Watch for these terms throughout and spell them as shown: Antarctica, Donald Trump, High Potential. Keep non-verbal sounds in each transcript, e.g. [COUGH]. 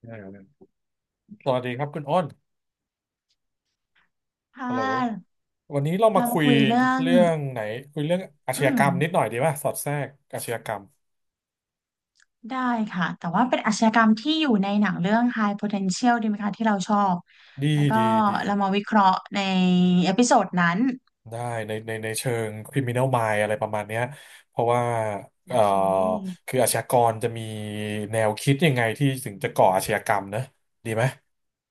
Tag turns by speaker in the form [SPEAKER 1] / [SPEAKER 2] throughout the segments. [SPEAKER 1] เออสวัสดีครับคุณอ้น
[SPEAKER 2] ค่
[SPEAKER 1] ฮัลโหล
[SPEAKER 2] ะ
[SPEAKER 1] วันนี้เรามา
[SPEAKER 2] เรา
[SPEAKER 1] คุ
[SPEAKER 2] มา
[SPEAKER 1] ย
[SPEAKER 2] คุยเรื่อง
[SPEAKER 1] เรื่องไหนคุยเรื่องอาช
[SPEAKER 2] อื
[SPEAKER 1] ญาก
[SPEAKER 2] ม
[SPEAKER 1] รรมนิดหน่อยดีป่ะสอดแทรกอาชญากรรม
[SPEAKER 2] ได้ค่ะ แต่ว่าเป็นอาชญากรรมที่อยู่ในหนังเรื่อง High Potential ดีไหมคะที่เราชอบ
[SPEAKER 1] ดี
[SPEAKER 2] แล้วก็
[SPEAKER 1] ดีดี
[SPEAKER 2] เรามาวิเคราะห์ในเอพิโซดนั้น
[SPEAKER 1] ได้ในเชิง criminal mind อะไรประมาณเนี้ยเพราะว่า
[SPEAKER 2] โอ
[SPEAKER 1] เอ่อ
[SPEAKER 2] เค
[SPEAKER 1] คืออาชญากรจะมีแนวคิดยังไงที่ถึงจะก่ออาชญากรรมนะดีไหม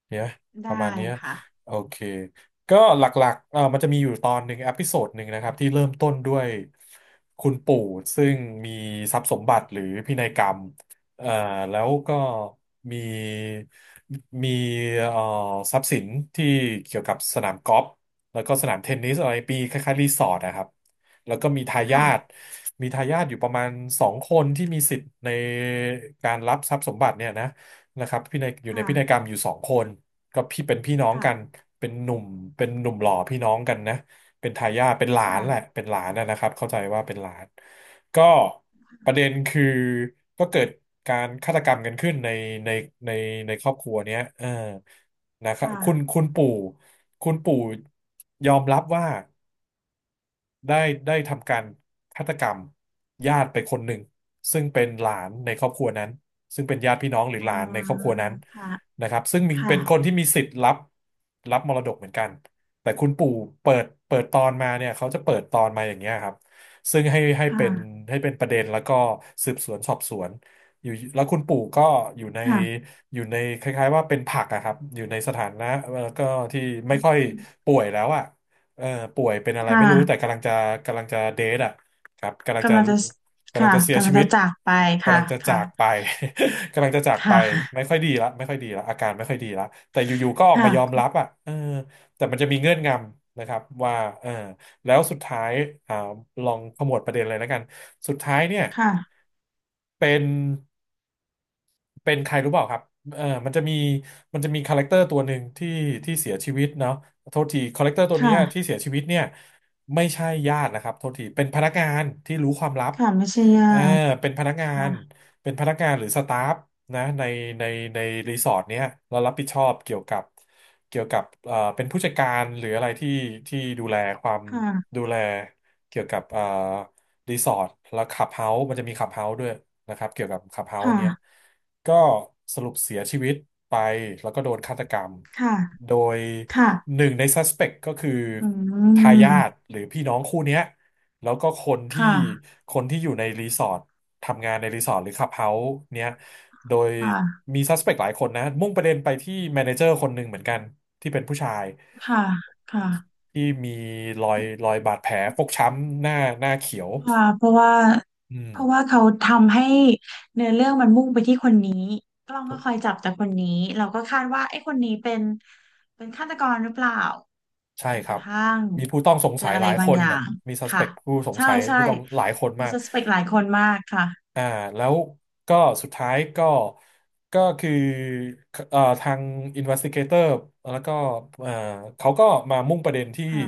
[SPEAKER 1] ดีไหมประ
[SPEAKER 2] ได้
[SPEAKER 1] มาณเนี้ย
[SPEAKER 2] ค่ะ
[SPEAKER 1] โอเคก็หลักๆมันจะมีอยู่ตอนหนึ่งอพิโซดหนึ่งนะครับที่เริ่มต้นด้วยคุณปู่ซึ่งมีทรัพย์สมบัติหรือพินัยกรรมเอ่อแล้วก็มีมีเอ่อทรัพย์สินที่เกี่ยวกับสนามกอล์ฟ แล้วก็สนามเทนนิสอะไรปีคล้ายๆรีสอร์ทนะครับแล้วก็มีทายาท
[SPEAKER 2] ค่ะ
[SPEAKER 1] มีทายาทอยู่ประมาณสองคนที่มีสิทธิ์ในการรับทรัพย์สมบัติเนี่ยนะนะครับพินัยอยู่ในพินัยกร
[SPEAKER 2] ค่ะ
[SPEAKER 1] รมอยู่สองคนก็พี่เป็นพี่น้อง
[SPEAKER 2] ค่ะ
[SPEAKER 1] กันเป็นหนุ่มเป็นหนุ่มหล่อพี่น้องกันนะเป็นทายาทเป็นหลานแหละ
[SPEAKER 2] ค่ะ
[SPEAKER 1] เป็นหลานนะนะครับเข้าใจว่าเป็นหลานก็ประเด็นคือก็เกิดการฆาตกรรมกันขึ้นในในในครอบครัวเนี้ยเออนะครับคุณ
[SPEAKER 2] ค่ะ
[SPEAKER 1] คุณปู่ คุณปู่ยอมรับว่า ได้ได้ทำการฆาตกรรมญาติไปคนหนึ่งซึ่งเป็นหลานในครอบครัวนั้นซึ่งเป็นญาติพี่น้องหรือ
[SPEAKER 2] อ่
[SPEAKER 1] หลานในครอบ
[SPEAKER 2] า
[SPEAKER 1] ครัวนั้น
[SPEAKER 2] ค่ะ
[SPEAKER 1] นะครับซึ่งมี
[SPEAKER 2] ค่ะ
[SPEAKER 1] เป็นคนที่มีสิทธิ์รับมรดกเหมือนกันแต่คุณปู่เปิดตอนมาเนี่ยเขาจะเปิดตอนมาอย่างเงี้ยครับซึ่งให้เป็น
[SPEAKER 2] ค่ะ
[SPEAKER 1] ให้เป็นประเด็นแล้วก็สืบสวนสอบสวนอยู่แล้วคุณปู่ก็อยู่ใน
[SPEAKER 2] ค่ะ
[SPEAKER 1] อยู่ในคล้ายๆว่าเป็นผักอะครับอยู่ในสถานะก็ที่ไม่ค่อยป่วยแล้วอะ เอ่อป่วยเป็นอะไร
[SPEAKER 2] ค่ะ
[SPEAKER 1] ไม่รู้แต่กำลังจะเดทอ่ะครับ
[SPEAKER 2] กำลังจะ
[SPEAKER 1] กำลัง
[SPEAKER 2] ค่ะ
[SPEAKER 1] จะเสีย
[SPEAKER 2] กำลั
[SPEAKER 1] ชี
[SPEAKER 2] ง
[SPEAKER 1] วิ
[SPEAKER 2] จะ
[SPEAKER 1] ต
[SPEAKER 2] จากไป
[SPEAKER 1] กำ
[SPEAKER 2] ค่ะ
[SPEAKER 1] ลังจะจา
[SPEAKER 2] ค่ะ
[SPEAKER 1] กไป [LAUGHS] กำลังจะจากไป
[SPEAKER 2] ค่
[SPEAKER 1] ไม่
[SPEAKER 2] ะ
[SPEAKER 1] ค่อยดีละไม่ค่อยดีละอาการไม่ค่อยดีละแต่อยู่ๆก็ออกมา
[SPEAKER 2] ค่ะ
[SPEAKER 1] ยอมรับอ่ะเออแต่มันจะมีเงื่อนงำนะครับว่าเออแล้วสุดท้ายอ่าลองขมวดประเด็นเลยแล้วกันสุดท้ายเนี่ย
[SPEAKER 2] ค่ะ
[SPEAKER 1] เป็น เป็นใครรู้เปล่าครับเออมันจะมีคาแรคเตอร์ตัวหนึ่งที่เสียชีวิตเนาะโทษทีคาแรคเตอร์ตัวเนี้ยที่
[SPEAKER 2] ค่ะ
[SPEAKER 1] เสียชีวิตเนี่ยไม่ใช่ญาตินะครับโทษทีเป็นพนักงานที่รู้ความลับ
[SPEAKER 2] ค่ะไม่ใช่ญา
[SPEAKER 1] เออ
[SPEAKER 2] ติ
[SPEAKER 1] เป็นพนักงา
[SPEAKER 2] ค่ะ
[SPEAKER 1] น เป็นพนักงานหรือสตาฟนะในในรีสอร์ทเนี้ยเรารับผิดชอบเกี่ยวกับเป็นผู้จัดการหรืออะไรที่ดูแลความ
[SPEAKER 2] ค่ะ
[SPEAKER 1] ดูแลเกี่ยวกับรีสอร์ทแล้วคลับเฮาส์มันจะมีคลับเฮาส์ด้วยนะครับเกี่ยวกับคลับเฮาส์
[SPEAKER 2] ค่ะ
[SPEAKER 1] เนี้ยก็สรุปเสียชีวิตไปแล้วก็โดนฆาตกรรม
[SPEAKER 2] ค่ะ
[SPEAKER 1] โดย
[SPEAKER 2] ค่ะ
[SPEAKER 1] หนึ่งในซัสเปกก็คือ
[SPEAKER 2] อื
[SPEAKER 1] ทายาท
[SPEAKER 2] ม
[SPEAKER 1] หรือพี่น้องคู่เนี้ยแล้วก็
[SPEAKER 2] ค่ะ
[SPEAKER 1] คนที่อยู่ในรีสอร์ท ทำงานในรีสอร์ทหรือคลับเฮาส์เนี้ยโดย
[SPEAKER 2] ค่ะ
[SPEAKER 1] มีซัสเปกหลายคนนะมุ่งประเด็นไปที่แมเนเจอร์คนหนึ่งเหมือนกันที่เป็นผู้ชาย
[SPEAKER 2] ค่ะค่ะ
[SPEAKER 1] ที่มีรอยบาดแผลฟกช้ำหน้าเขียว
[SPEAKER 2] ค่ะเพราะว่า
[SPEAKER 1] อืม
[SPEAKER 2] เพราะว่าเขาทำให้เนื้อเรื่องมันมุ่งไปที่คนนี้กล้อง
[SPEAKER 1] ถู
[SPEAKER 2] ก็
[SPEAKER 1] ก
[SPEAKER 2] คอยจับแต่คนนี้เราก็คาดว่าไอ้คนนี้เป็นฆาตกรหรือเปล่า
[SPEAKER 1] ใช่
[SPEAKER 2] จน
[SPEAKER 1] ค
[SPEAKER 2] ก
[SPEAKER 1] รั
[SPEAKER 2] ระ
[SPEAKER 1] บ
[SPEAKER 2] ทั่ง
[SPEAKER 1] มีผู้ต้องสง
[SPEAKER 2] เจอ
[SPEAKER 1] สัย
[SPEAKER 2] อะ
[SPEAKER 1] ห
[SPEAKER 2] ไร
[SPEAKER 1] ลาย
[SPEAKER 2] บา
[SPEAKER 1] ค
[SPEAKER 2] ง
[SPEAKER 1] น
[SPEAKER 2] อย่า
[SPEAKER 1] น่ะ
[SPEAKER 2] ง
[SPEAKER 1] มีซัสเป
[SPEAKER 2] ค่ะ
[SPEAKER 1] กผู้สง
[SPEAKER 2] ใช่
[SPEAKER 1] สัย
[SPEAKER 2] ใช่
[SPEAKER 1] ผู้ต้องหลายคน
[SPEAKER 2] มี
[SPEAKER 1] มาก
[SPEAKER 2] ส s เป c t หลายคนมากค่ะ
[SPEAKER 1] อ่าแล้วก็สุดท้ายก็ก็คือทาง investigator แล้วก็เอ่อเขาก็มามุ่งประเด็นที่
[SPEAKER 2] ค่ะ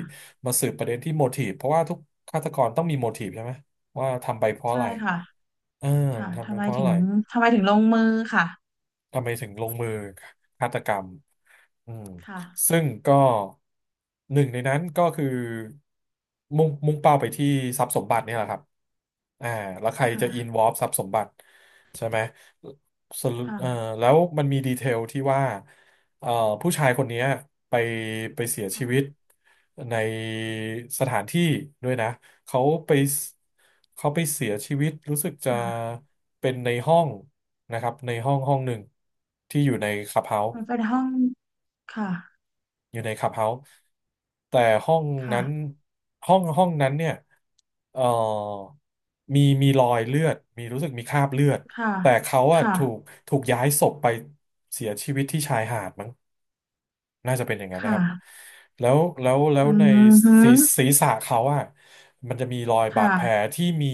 [SPEAKER 1] มาสืบประเด็นที่ motive เพราะว่าทุกฆาตกรต้องมี motive ใช่ไหมว่าทำไปเพราะอะ
[SPEAKER 2] ใช่
[SPEAKER 1] ไร
[SPEAKER 2] ค่ะ
[SPEAKER 1] เออ
[SPEAKER 2] ค่ะ
[SPEAKER 1] ทำไปเพราะอะไร
[SPEAKER 2] ทำไมถึงลงมือค่ะ
[SPEAKER 1] ทำไมถึงลงมือฆาตกรรมอืม
[SPEAKER 2] ค่ะ
[SPEAKER 1] ซึ่งก็หนึ่งในนั้นก็คือมุ่งเป้าไปที่ทรัพย์สมบัติเนี่ยแหละครับอ่าแล้วใครจะอินว
[SPEAKER 2] ค่ะ
[SPEAKER 1] อล์ฟทรัพย์สมบัติใช่ไหมสรุป
[SPEAKER 2] ค่ะ
[SPEAKER 1] แล้วมันมีดีเทลที่ว่าเอ่อผู้ชายคนเนี้ยไปไปเสียชีวิต
[SPEAKER 2] ค่ะ
[SPEAKER 1] ในสถานที่ด้วยนะ เขาไปเขาไปเสียชีวิตรู้สึกจะ
[SPEAKER 2] ค่ะ
[SPEAKER 1] เป็นในห้องนะครับในห้องห้องหนึ่งที่อยู่ในคลับเฮาส์
[SPEAKER 2] มันเป็นห้องค่ะ
[SPEAKER 1] อยู่ในคลับเฮาส์แต่ห้อง
[SPEAKER 2] ค่ะ
[SPEAKER 1] นั้นห้องห้องนั้นเนี่ยเอ่อมีรอยเลือดมีรู้สึกมีคราบเลือด
[SPEAKER 2] ค่ะ
[SPEAKER 1] แต่เขาอะ
[SPEAKER 2] ค่ะ
[SPEAKER 1] ถูกย้ายศพไปเสียชีวิตที่ชายหาดมั้งน่าจะเป็นอย่างนั้นนะค
[SPEAKER 2] ค่ะ
[SPEAKER 1] รับแล้ว
[SPEAKER 2] อื
[SPEAKER 1] ใน
[SPEAKER 2] มฮึ
[SPEAKER 1] ศีรษะเขาอะมันจะมีรอยบาด
[SPEAKER 2] ค่ะ
[SPEAKER 1] แผลที่มี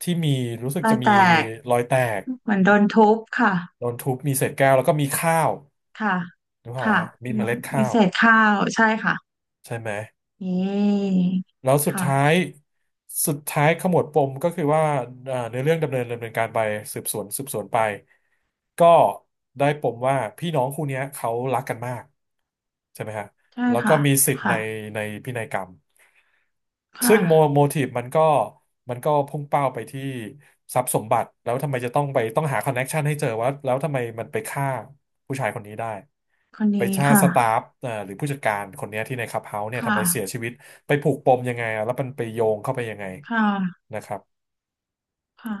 [SPEAKER 1] ที่มีรู้สึก
[SPEAKER 2] รอ
[SPEAKER 1] จะ
[SPEAKER 2] ย
[SPEAKER 1] มี
[SPEAKER 2] แตก
[SPEAKER 1] รอยแตก
[SPEAKER 2] เหมือนโดนทุบค่ะ
[SPEAKER 1] โดนทุบมีเศษแก้วแล้วก็มีข้าว
[SPEAKER 2] ค่ะ
[SPEAKER 1] นึกออกไหม
[SPEAKER 2] ค่ะ
[SPEAKER 1] ฮะมี
[SPEAKER 2] มี
[SPEAKER 1] เมล็ด
[SPEAKER 2] มี
[SPEAKER 1] ข้าว
[SPEAKER 2] เศษข้าวใช่ค่ะ
[SPEAKER 1] ใช่ไหม
[SPEAKER 2] นี่
[SPEAKER 1] แล้วสุด
[SPEAKER 2] ค่ะ
[SPEAKER 1] ท้ายสุดท้ายขมวดปมก็คือว่าในเรื่องดำเนินการไปสืบสวนไปก็ได้ปมว่าพี่น้องคู่เนี้ยเขารักกันมากใช่ไหมฮะ
[SPEAKER 2] ใช่
[SPEAKER 1] แล้วก็
[SPEAKER 2] ค่ะ
[SPEAKER 1] มีสิทธิ์ใน
[SPEAKER 2] ค่ะ
[SPEAKER 1] ในพินัยกรรม
[SPEAKER 2] ค่ะ
[SPEAKER 1] ซึ่งโมทีฟมันก็พุ่งเป้าไปที่ทรัพย์สมบัติแล้วทำไมจะต้องหาคอนเน็กชันให้เจอว่าแล้วทำไมมันไปฆ่าผู้ชายคนนี้ได้
[SPEAKER 2] คน
[SPEAKER 1] ไป
[SPEAKER 2] นี้
[SPEAKER 1] ชาติ
[SPEAKER 2] ค่ะ
[SPEAKER 1] สตาฟหรือผู้จัดการคนเนี้ยที่ในคลับเฮาส์เนี่ยทำ
[SPEAKER 2] ค่ะ
[SPEAKER 1] ไมเสียชีวิตไปผูกปมยังไงอะแล้วมันไปโยงเข้าไปยังไง
[SPEAKER 2] ค่ะ
[SPEAKER 1] นะครับ
[SPEAKER 2] ค่ะ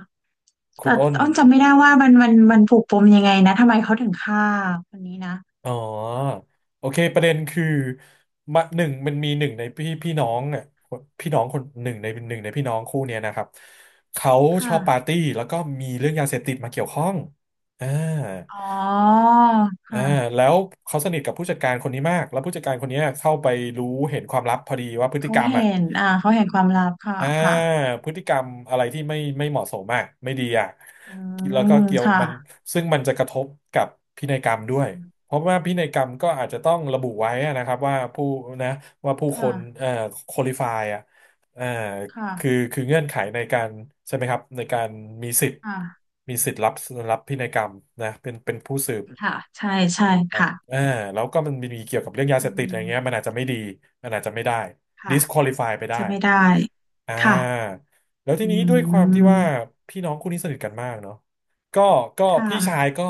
[SPEAKER 1] คุ
[SPEAKER 2] แต่
[SPEAKER 1] ณอ้น
[SPEAKER 2] อ้นจำไม่ได้ว่ามันผูกปมยังไงนะทำไมเขาถึงฆ่าคนนี้นะ
[SPEAKER 1] อ๋อโอเคประเด็นคือมาหนึ่งมันมีหนึ่งในพี่น้องอ่ะคนพี่น้องคนหนึ่งในพี่น้องคู่เนี้ยนะครับเขาชอบปาร์
[SPEAKER 2] ค่ะ
[SPEAKER 1] ตี้แล้วก็มีเรื่องยาเสพติดมาเกี่ยวข้องอ่า
[SPEAKER 2] อ๋อ
[SPEAKER 1] อ่า
[SPEAKER 2] ค่ะ
[SPEAKER 1] แล้วเขาสนิทกับผู้จัดการคนนี้มากแล้วผู้จัดการคนเนี้ยเข้าไปรู้เห็นความลับพอดีว่าพฤติ
[SPEAKER 2] เขา
[SPEAKER 1] กรรมอ่ะ
[SPEAKER 2] เห็นเขาเห็นความลับค่ะ
[SPEAKER 1] อ่า
[SPEAKER 2] ค่ะ
[SPEAKER 1] พฤติกรรมอะไรที่ไม่เหมาะสมอ่ะไม่ดีอ่ะ
[SPEAKER 2] อื
[SPEAKER 1] แล้วก็
[SPEAKER 2] ม
[SPEAKER 1] เกี่ยว
[SPEAKER 2] ค่ะ
[SPEAKER 1] มันซึ่งมันจะกระทบกับพินัยกรรมด้วยเพราะว่าพินัยกรรมก็อาจจะต้องระบุไว้อะนะครับว่าผู้นะว่าผู้คน
[SPEAKER 2] ค่ะ
[SPEAKER 1] คุริฟายอ่ะเอ่อ
[SPEAKER 2] ค
[SPEAKER 1] คือ
[SPEAKER 2] ่ะ
[SPEAKER 1] คือเงื่อนไขในการใช่ไหมครับในการมีสิทธิ์
[SPEAKER 2] ค่ะ
[SPEAKER 1] มีสิทธิ์รับรับพินัยกรรมนะเป็นผู้สืบ
[SPEAKER 2] ค่ะใช่ค่ะ
[SPEAKER 1] อ่าแล้วก็มันมีเกี่ยวกับเรื่องยาเส
[SPEAKER 2] อื
[SPEAKER 1] พติดอะไร
[SPEAKER 2] ม
[SPEAKER 1] เงี้ยมันอาจจะไม่ดีมันอาจจะไม่ได้
[SPEAKER 2] ค่ะ
[SPEAKER 1] disqualify ไปได้
[SPEAKER 2] จะไม่ได้
[SPEAKER 1] อ่
[SPEAKER 2] ค่ะ
[SPEAKER 1] าแล้วที
[SPEAKER 2] อื
[SPEAKER 1] นี้ด้วยความที่ว่า
[SPEAKER 2] ม
[SPEAKER 1] พี่น้องคู่นี้สนิทกันมากเนาะก็ก็
[SPEAKER 2] ค
[SPEAKER 1] พี่ชาย
[SPEAKER 2] ่ะ
[SPEAKER 1] ก็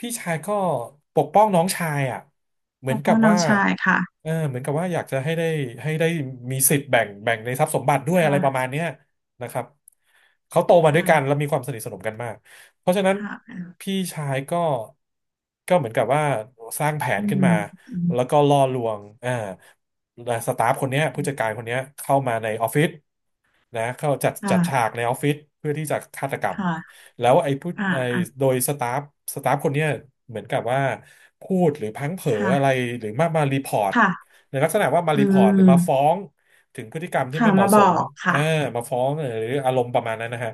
[SPEAKER 1] พี่ชายก็ปกป้องน้องชายอ่ะเห
[SPEAKER 2] ป
[SPEAKER 1] มือน
[SPEAKER 2] กป้
[SPEAKER 1] กั
[SPEAKER 2] อ
[SPEAKER 1] บ
[SPEAKER 2] งน้อ
[SPEAKER 1] ว่า
[SPEAKER 2] งชายค่ะ
[SPEAKER 1] เออเหมือนกับว่าอยากจะให้ได้ให้ได้มีสิทธิ์แบ่งในทรัพย์สมบัติด้วยอะไรประมา
[SPEAKER 2] ค่ะ
[SPEAKER 1] ณเนี้ยนะครับเขาโตมาด้วย
[SPEAKER 2] ค่ะ
[SPEAKER 1] กันแล้วมีความสนิทสนมกันมากเพราะฉะนั้น
[SPEAKER 2] ค่ะ
[SPEAKER 1] พี่ชายก็ก็เหมือนกับว่าสร้างแผน
[SPEAKER 2] อื
[SPEAKER 1] ขึ้นมา
[SPEAKER 2] มอืม
[SPEAKER 1] แล้วก็ล่อลวงอ่าสตาฟคนเนี้ยผู้จัดการคนเนี้ยเข้ามาในออฟฟิศ นะเข้าจัดฉา
[SPEAKER 2] ค่ะ
[SPEAKER 1] กในออฟฟิศเพื่อที่จะฆาตกรรม
[SPEAKER 2] ค่ะ
[SPEAKER 1] แล้วไอ้ผู้
[SPEAKER 2] อ่า
[SPEAKER 1] ไอ้
[SPEAKER 2] อ่ะ
[SPEAKER 1] โดยสตาฟคนเนี้ยเหมือนกับว่าพูดหรือพลั้งเผลออะไร
[SPEAKER 2] ค่ะ
[SPEAKER 1] หรือมารีพอร์ต
[SPEAKER 2] ค่ะ
[SPEAKER 1] ในลักษณะว่ามา
[SPEAKER 2] อื
[SPEAKER 1] รีพอร์ตหรือมาฟ้อ
[SPEAKER 2] ม
[SPEAKER 1] งถึงพฤติกรรมที่
[SPEAKER 2] ค่ะ
[SPEAKER 1] ไม่เห
[SPEAKER 2] มา
[SPEAKER 1] มาะ
[SPEAKER 2] บ
[SPEAKER 1] ส
[SPEAKER 2] อ
[SPEAKER 1] ม
[SPEAKER 2] ก
[SPEAKER 1] เออ
[SPEAKER 2] ค่ะ
[SPEAKER 1] มาฟ้องหรืออารมณ์ประมาณนั้นนะฮะ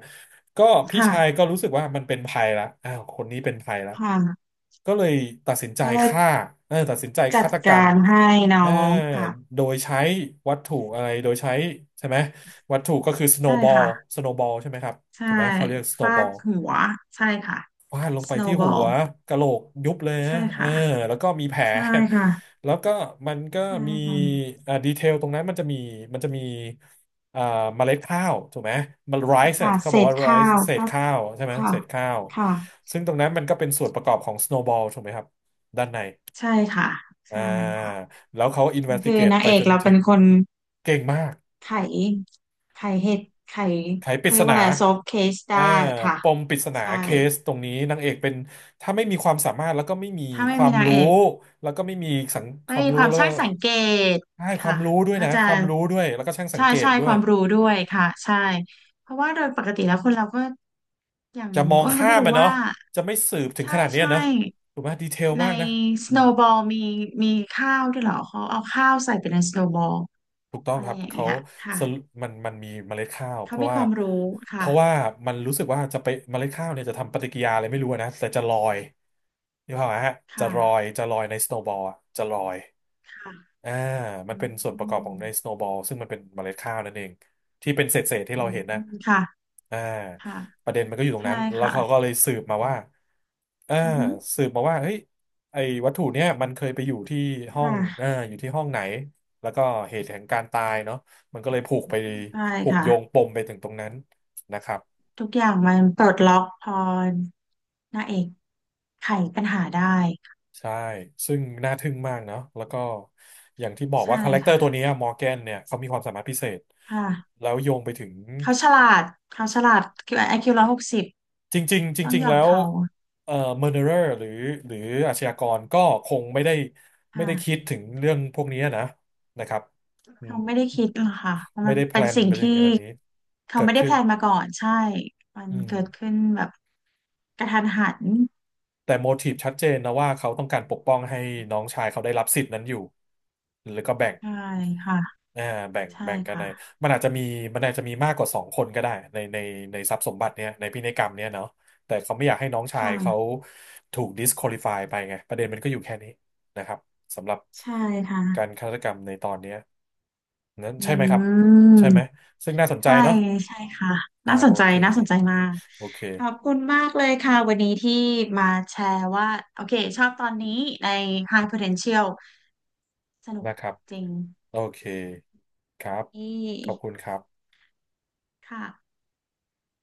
[SPEAKER 1] ก็พี่ชาย
[SPEAKER 2] ค่ะ
[SPEAKER 1] ก็รู้สึกว่ามันเป็นภัยละอ้าวคนนี้เป็นภัยละ
[SPEAKER 2] ค่ะ
[SPEAKER 1] ก็เลยตัดสินใจ
[SPEAKER 2] ก็เลย
[SPEAKER 1] ฆ่าเออตัดสินใจ
[SPEAKER 2] จั
[SPEAKER 1] ฆา
[SPEAKER 2] ด
[SPEAKER 1] ตกรร
[SPEAKER 2] กา
[SPEAKER 1] ม
[SPEAKER 2] รให้
[SPEAKER 1] เอ
[SPEAKER 2] น้
[SPEAKER 1] อ
[SPEAKER 2] องค่ะ
[SPEAKER 1] โดยใช้วัตถุอะไร โดยใช้ใช่ไหม วัตถุก็คือสโน
[SPEAKER 2] ใช่
[SPEAKER 1] w b บอล
[SPEAKER 2] ค่ะ
[SPEAKER 1] สโน w b บอลใช่ไหมครับ
[SPEAKER 2] ใช่
[SPEAKER 1] ถูกไหมเขาเรียกสโน w
[SPEAKER 2] ฟา
[SPEAKER 1] b บอ
[SPEAKER 2] ด
[SPEAKER 1] ล
[SPEAKER 2] หัวใช่ค่ะ
[SPEAKER 1] ฟาดลงไปที่หั
[SPEAKER 2] snowball
[SPEAKER 1] วกะโหลกยุบเลย
[SPEAKER 2] ใช่
[SPEAKER 1] ฮะเออ
[SPEAKER 2] ค่ะ
[SPEAKER 1] แล้วก็มีแผล
[SPEAKER 2] ใช่ค่ะ
[SPEAKER 1] [LAUGHS] แล้วก็มันก็
[SPEAKER 2] ใช่
[SPEAKER 1] มี
[SPEAKER 2] ค่ะ
[SPEAKER 1] อ่าดีเทลตรงนั้นมันจะมีอ่าเมล็ดข้าวถูกไหมมันไรซ์
[SPEAKER 2] ค่ะ
[SPEAKER 1] ที่เขา
[SPEAKER 2] เศ
[SPEAKER 1] บอก
[SPEAKER 2] ษ
[SPEAKER 1] ว่าไร
[SPEAKER 2] ข้า
[SPEAKER 1] ซ์
[SPEAKER 2] ว
[SPEAKER 1] เศษ
[SPEAKER 2] ก็
[SPEAKER 1] ข้าวใช่ไหม
[SPEAKER 2] ค่ะ
[SPEAKER 1] เศษข้าว
[SPEAKER 2] ค่ะ
[SPEAKER 1] ซึ่งตรงนั้นมันก็เป็นส่วนประกอบของ snowball ถูกไหมครับด้านใน
[SPEAKER 2] ใช่ค่ะ
[SPEAKER 1] อ่า
[SPEAKER 2] ใช่ค่ะ
[SPEAKER 1] แล้วเขา
[SPEAKER 2] ก็คือ
[SPEAKER 1] investigate
[SPEAKER 2] นาง
[SPEAKER 1] ไป
[SPEAKER 2] เอก
[SPEAKER 1] จน
[SPEAKER 2] เรา
[SPEAKER 1] ถึ
[SPEAKER 2] เป็น
[SPEAKER 1] ง
[SPEAKER 2] คน
[SPEAKER 1] เก่งมาก
[SPEAKER 2] ไขไข
[SPEAKER 1] ไขปริ
[SPEAKER 2] เขา
[SPEAKER 1] ศ
[SPEAKER 2] เรียก
[SPEAKER 1] นา
[SPEAKER 2] ว่าอะไร solve case ได้
[SPEAKER 1] อ่า
[SPEAKER 2] ค่ะ
[SPEAKER 1] ปมปริศนา
[SPEAKER 2] ใช่
[SPEAKER 1] เคสตรงนี้นางเอกเป็นถ้าไม่มีความสามารถแล้วก็ไม่มี
[SPEAKER 2] ถ้า
[SPEAKER 1] ค
[SPEAKER 2] ไม่
[SPEAKER 1] วา
[SPEAKER 2] มี
[SPEAKER 1] ม
[SPEAKER 2] นาง
[SPEAKER 1] รู้
[SPEAKER 2] เอก
[SPEAKER 1] แล้วก็ไม่มีสังค
[SPEAKER 2] ไม่
[SPEAKER 1] วาม
[SPEAKER 2] มีค
[SPEAKER 1] รู้
[SPEAKER 2] วาม
[SPEAKER 1] แล้วก็
[SPEAKER 2] ช่างสังเกต
[SPEAKER 1] ใช่ความ
[SPEAKER 2] ค่ะ
[SPEAKER 1] รู้ด้วย
[SPEAKER 2] ก็
[SPEAKER 1] นะ
[SPEAKER 2] จะ
[SPEAKER 1] ความรู้ด้วยแล้วก็ช่างสัง
[SPEAKER 2] ใช่
[SPEAKER 1] เกต
[SPEAKER 2] ใช่
[SPEAKER 1] ด้ว
[SPEAKER 2] ค
[SPEAKER 1] ย
[SPEAKER 2] วามรู้ด้วยค่ะใช่เพราะว่าโดยปกติแล้วคนเราก็อย่าง
[SPEAKER 1] จะมอง
[SPEAKER 2] อ้นก็
[SPEAKER 1] ข้า
[SPEAKER 2] ไม่
[SPEAKER 1] ม
[SPEAKER 2] รู้
[SPEAKER 1] อ่ะเนาะ
[SPEAKER 2] ว่า
[SPEAKER 1] จะไม่สืบถึงข
[SPEAKER 2] ใช่
[SPEAKER 1] นาดเนี้ย
[SPEAKER 2] ใช่
[SPEAKER 1] นะถูกไหมดีเทล
[SPEAKER 2] ใน
[SPEAKER 1] มากนะ
[SPEAKER 2] สโน w b บอลมีข้าวด้วยเหรอเขาเอาข้าวใส่ไปในสโน w b บอล
[SPEAKER 1] ถูกต้อง
[SPEAKER 2] อะไร
[SPEAKER 1] ครับ
[SPEAKER 2] อย่าง
[SPEAKER 1] เขา
[SPEAKER 2] เงี้ยค่ะ
[SPEAKER 1] สรุมันมีเมล็ดข้าวเพ
[SPEAKER 2] เขา
[SPEAKER 1] ราะ
[SPEAKER 2] มีค
[SPEAKER 1] ว่า
[SPEAKER 2] วามรู้
[SPEAKER 1] เพ
[SPEAKER 2] ค่ะ
[SPEAKER 1] ราะว่ามันรู้สึกว่าจะไปเมล็ดข้าวเนี่ยจะทำปฏิกิริยาอะไรไม่รู้อะนะแต่จะลอยนี่พออกไหมฮะ
[SPEAKER 2] ค
[SPEAKER 1] จะลอย
[SPEAKER 2] ่ะ
[SPEAKER 1] ในสโนว์บอลจะลอย
[SPEAKER 2] ค่ะ
[SPEAKER 1] อ่ามัน
[SPEAKER 2] อื
[SPEAKER 1] เป็นส่วนประกอบข
[SPEAKER 2] ม
[SPEAKER 1] องในสโน w b บอลซึ่งมันเป็นเมล็ดข้าวนั่นเองที่เป็นเศษที่
[SPEAKER 2] อื
[SPEAKER 1] เรา
[SPEAKER 2] ม
[SPEAKER 1] เห็นนะ
[SPEAKER 2] ค่ะ
[SPEAKER 1] อ่า
[SPEAKER 2] ค่ะ
[SPEAKER 1] ประเด็นมันก็อยู่ตรง
[SPEAKER 2] ใช่
[SPEAKER 1] นั้นแล้ว
[SPEAKER 2] ค่ะ
[SPEAKER 1] เขาก็เลยสืบมาว่าอ่า
[SPEAKER 2] อือฮึ
[SPEAKER 1] สืบมาว่าเฮ้ยไอ้วัตถุเนี้ยมันเคยไปอยู่ที่ห้องอ่า
[SPEAKER 2] ค่ะ
[SPEAKER 1] อยู่ที่ห้องไหนแล้วก็เหตุแห่งการตายเนาะมันก็เลยผูกไป
[SPEAKER 2] ใช่
[SPEAKER 1] ผูก
[SPEAKER 2] ค่ะ
[SPEAKER 1] โยงปมไปถึงตรงนั้นนะครับ
[SPEAKER 2] ทุกอย่างมันปลดล็อกพอนางเอกไขปัญหาได้
[SPEAKER 1] ใช่ซึ่งน่าทึ่งมากเนาะแล้วก็อย่างที่บอก
[SPEAKER 2] ใช่
[SPEAKER 1] ว่าคาแรคเตอ
[SPEAKER 2] ค่ะ
[SPEAKER 1] ร์ตัวเนี้มอร์แกนเนี่ยเขามีความสามารถพิเศษ
[SPEAKER 2] ค่ะ
[SPEAKER 1] แล้วโยงไปถึง
[SPEAKER 2] เขาฉลาดเขาฉลาดไอคิว160
[SPEAKER 1] จริงๆจ
[SPEAKER 2] ต้อง
[SPEAKER 1] ริง
[SPEAKER 2] ย
[SPEAKER 1] ๆ
[SPEAKER 2] อ
[SPEAKER 1] แล้
[SPEAKER 2] ม
[SPEAKER 1] ว
[SPEAKER 2] เขา
[SPEAKER 1] เอ่อ murderer หรือหรืออาชญากรก็คงไม่ได้ไม่ได้คิด
[SPEAKER 2] ค่ะ
[SPEAKER 1] ถึงเรื่องพวกนี้นะนะครับอืม
[SPEAKER 2] เขาไม่ได้คิดหรอกค่ะเพราะ
[SPEAKER 1] ไม่
[SPEAKER 2] มัน
[SPEAKER 1] ได้แพล
[SPEAKER 2] เป็น
[SPEAKER 1] น
[SPEAKER 2] สิ่ง
[SPEAKER 1] ไปถึ
[SPEAKER 2] ที่
[SPEAKER 1] งขนาดนี้
[SPEAKER 2] เขา
[SPEAKER 1] เกิ
[SPEAKER 2] ไม่
[SPEAKER 1] ด
[SPEAKER 2] ได้แพ
[SPEAKER 1] ขึ้น
[SPEAKER 2] ลนมาก่อนใช่ มัน
[SPEAKER 1] อืม
[SPEAKER 2] เกิดขึ้นแบบกระทันหัน
[SPEAKER 1] แต่โมทีฟชัดเจนนะว่าเขาต้องการปกป้องให้น้องชายเขาได้รับสิทธิ์นั้นอยู่แล้วก็แบ่ง
[SPEAKER 2] ใช่ค่ะ
[SPEAKER 1] อ่าแบ่ง
[SPEAKER 2] ใช่
[SPEAKER 1] แบ่งกัน
[SPEAKER 2] ค่ะ
[SPEAKER 1] ในมันอาจจะมีมันอาจจะมีมากกว่าสองคนก็ได้ในในทรัพย์สมบัติเนี่ยในพินัยกรรมเนี่ยเนาะแต่เขาไม่อยากให้น้องชาย
[SPEAKER 2] ค่ะ
[SPEAKER 1] เขาถูก disqualify ไปไงประเด็นมันก็อยู่แค่นี้นะครับสำหรับ
[SPEAKER 2] ใช่ค่ะ
[SPEAKER 1] การฆาตกรรมในตอนเนี้ยนั้น
[SPEAKER 2] อื
[SPEAKER 1] ใช่ไหมครับ
[SPEAKER 2] ม
[SPEAKER 1] ใช่ไหมซึ่งน่าสนใจ
[SPEAKER 2] ใช่
[SPEAKER 1] เนาะ
[SPEAKER 2] ใช่ค่ะ
[SPEAKER 1] อ่าโอเค
[SPEAKER 2] น่าสนใจมาก
[SPEAKER 1] โอเค
[SPEAKER 2] ขอบคุณมากเลยค่ะวันนี้ที่มาแชร์ว่าโอเคชอบตอนนี้ใน High Potential สนุก
[SPEAKER 1] นะครับ
[SPEAKER 2] จริง
[SPEAKER 1] โอเคครับ
[SPEAKER 2] นี
[SPEAKER 1] ขอบคุ
[SPEAKER 2] ่
[SPEAKER 1] ณครับ
[SPEAKER 2] ค่ะ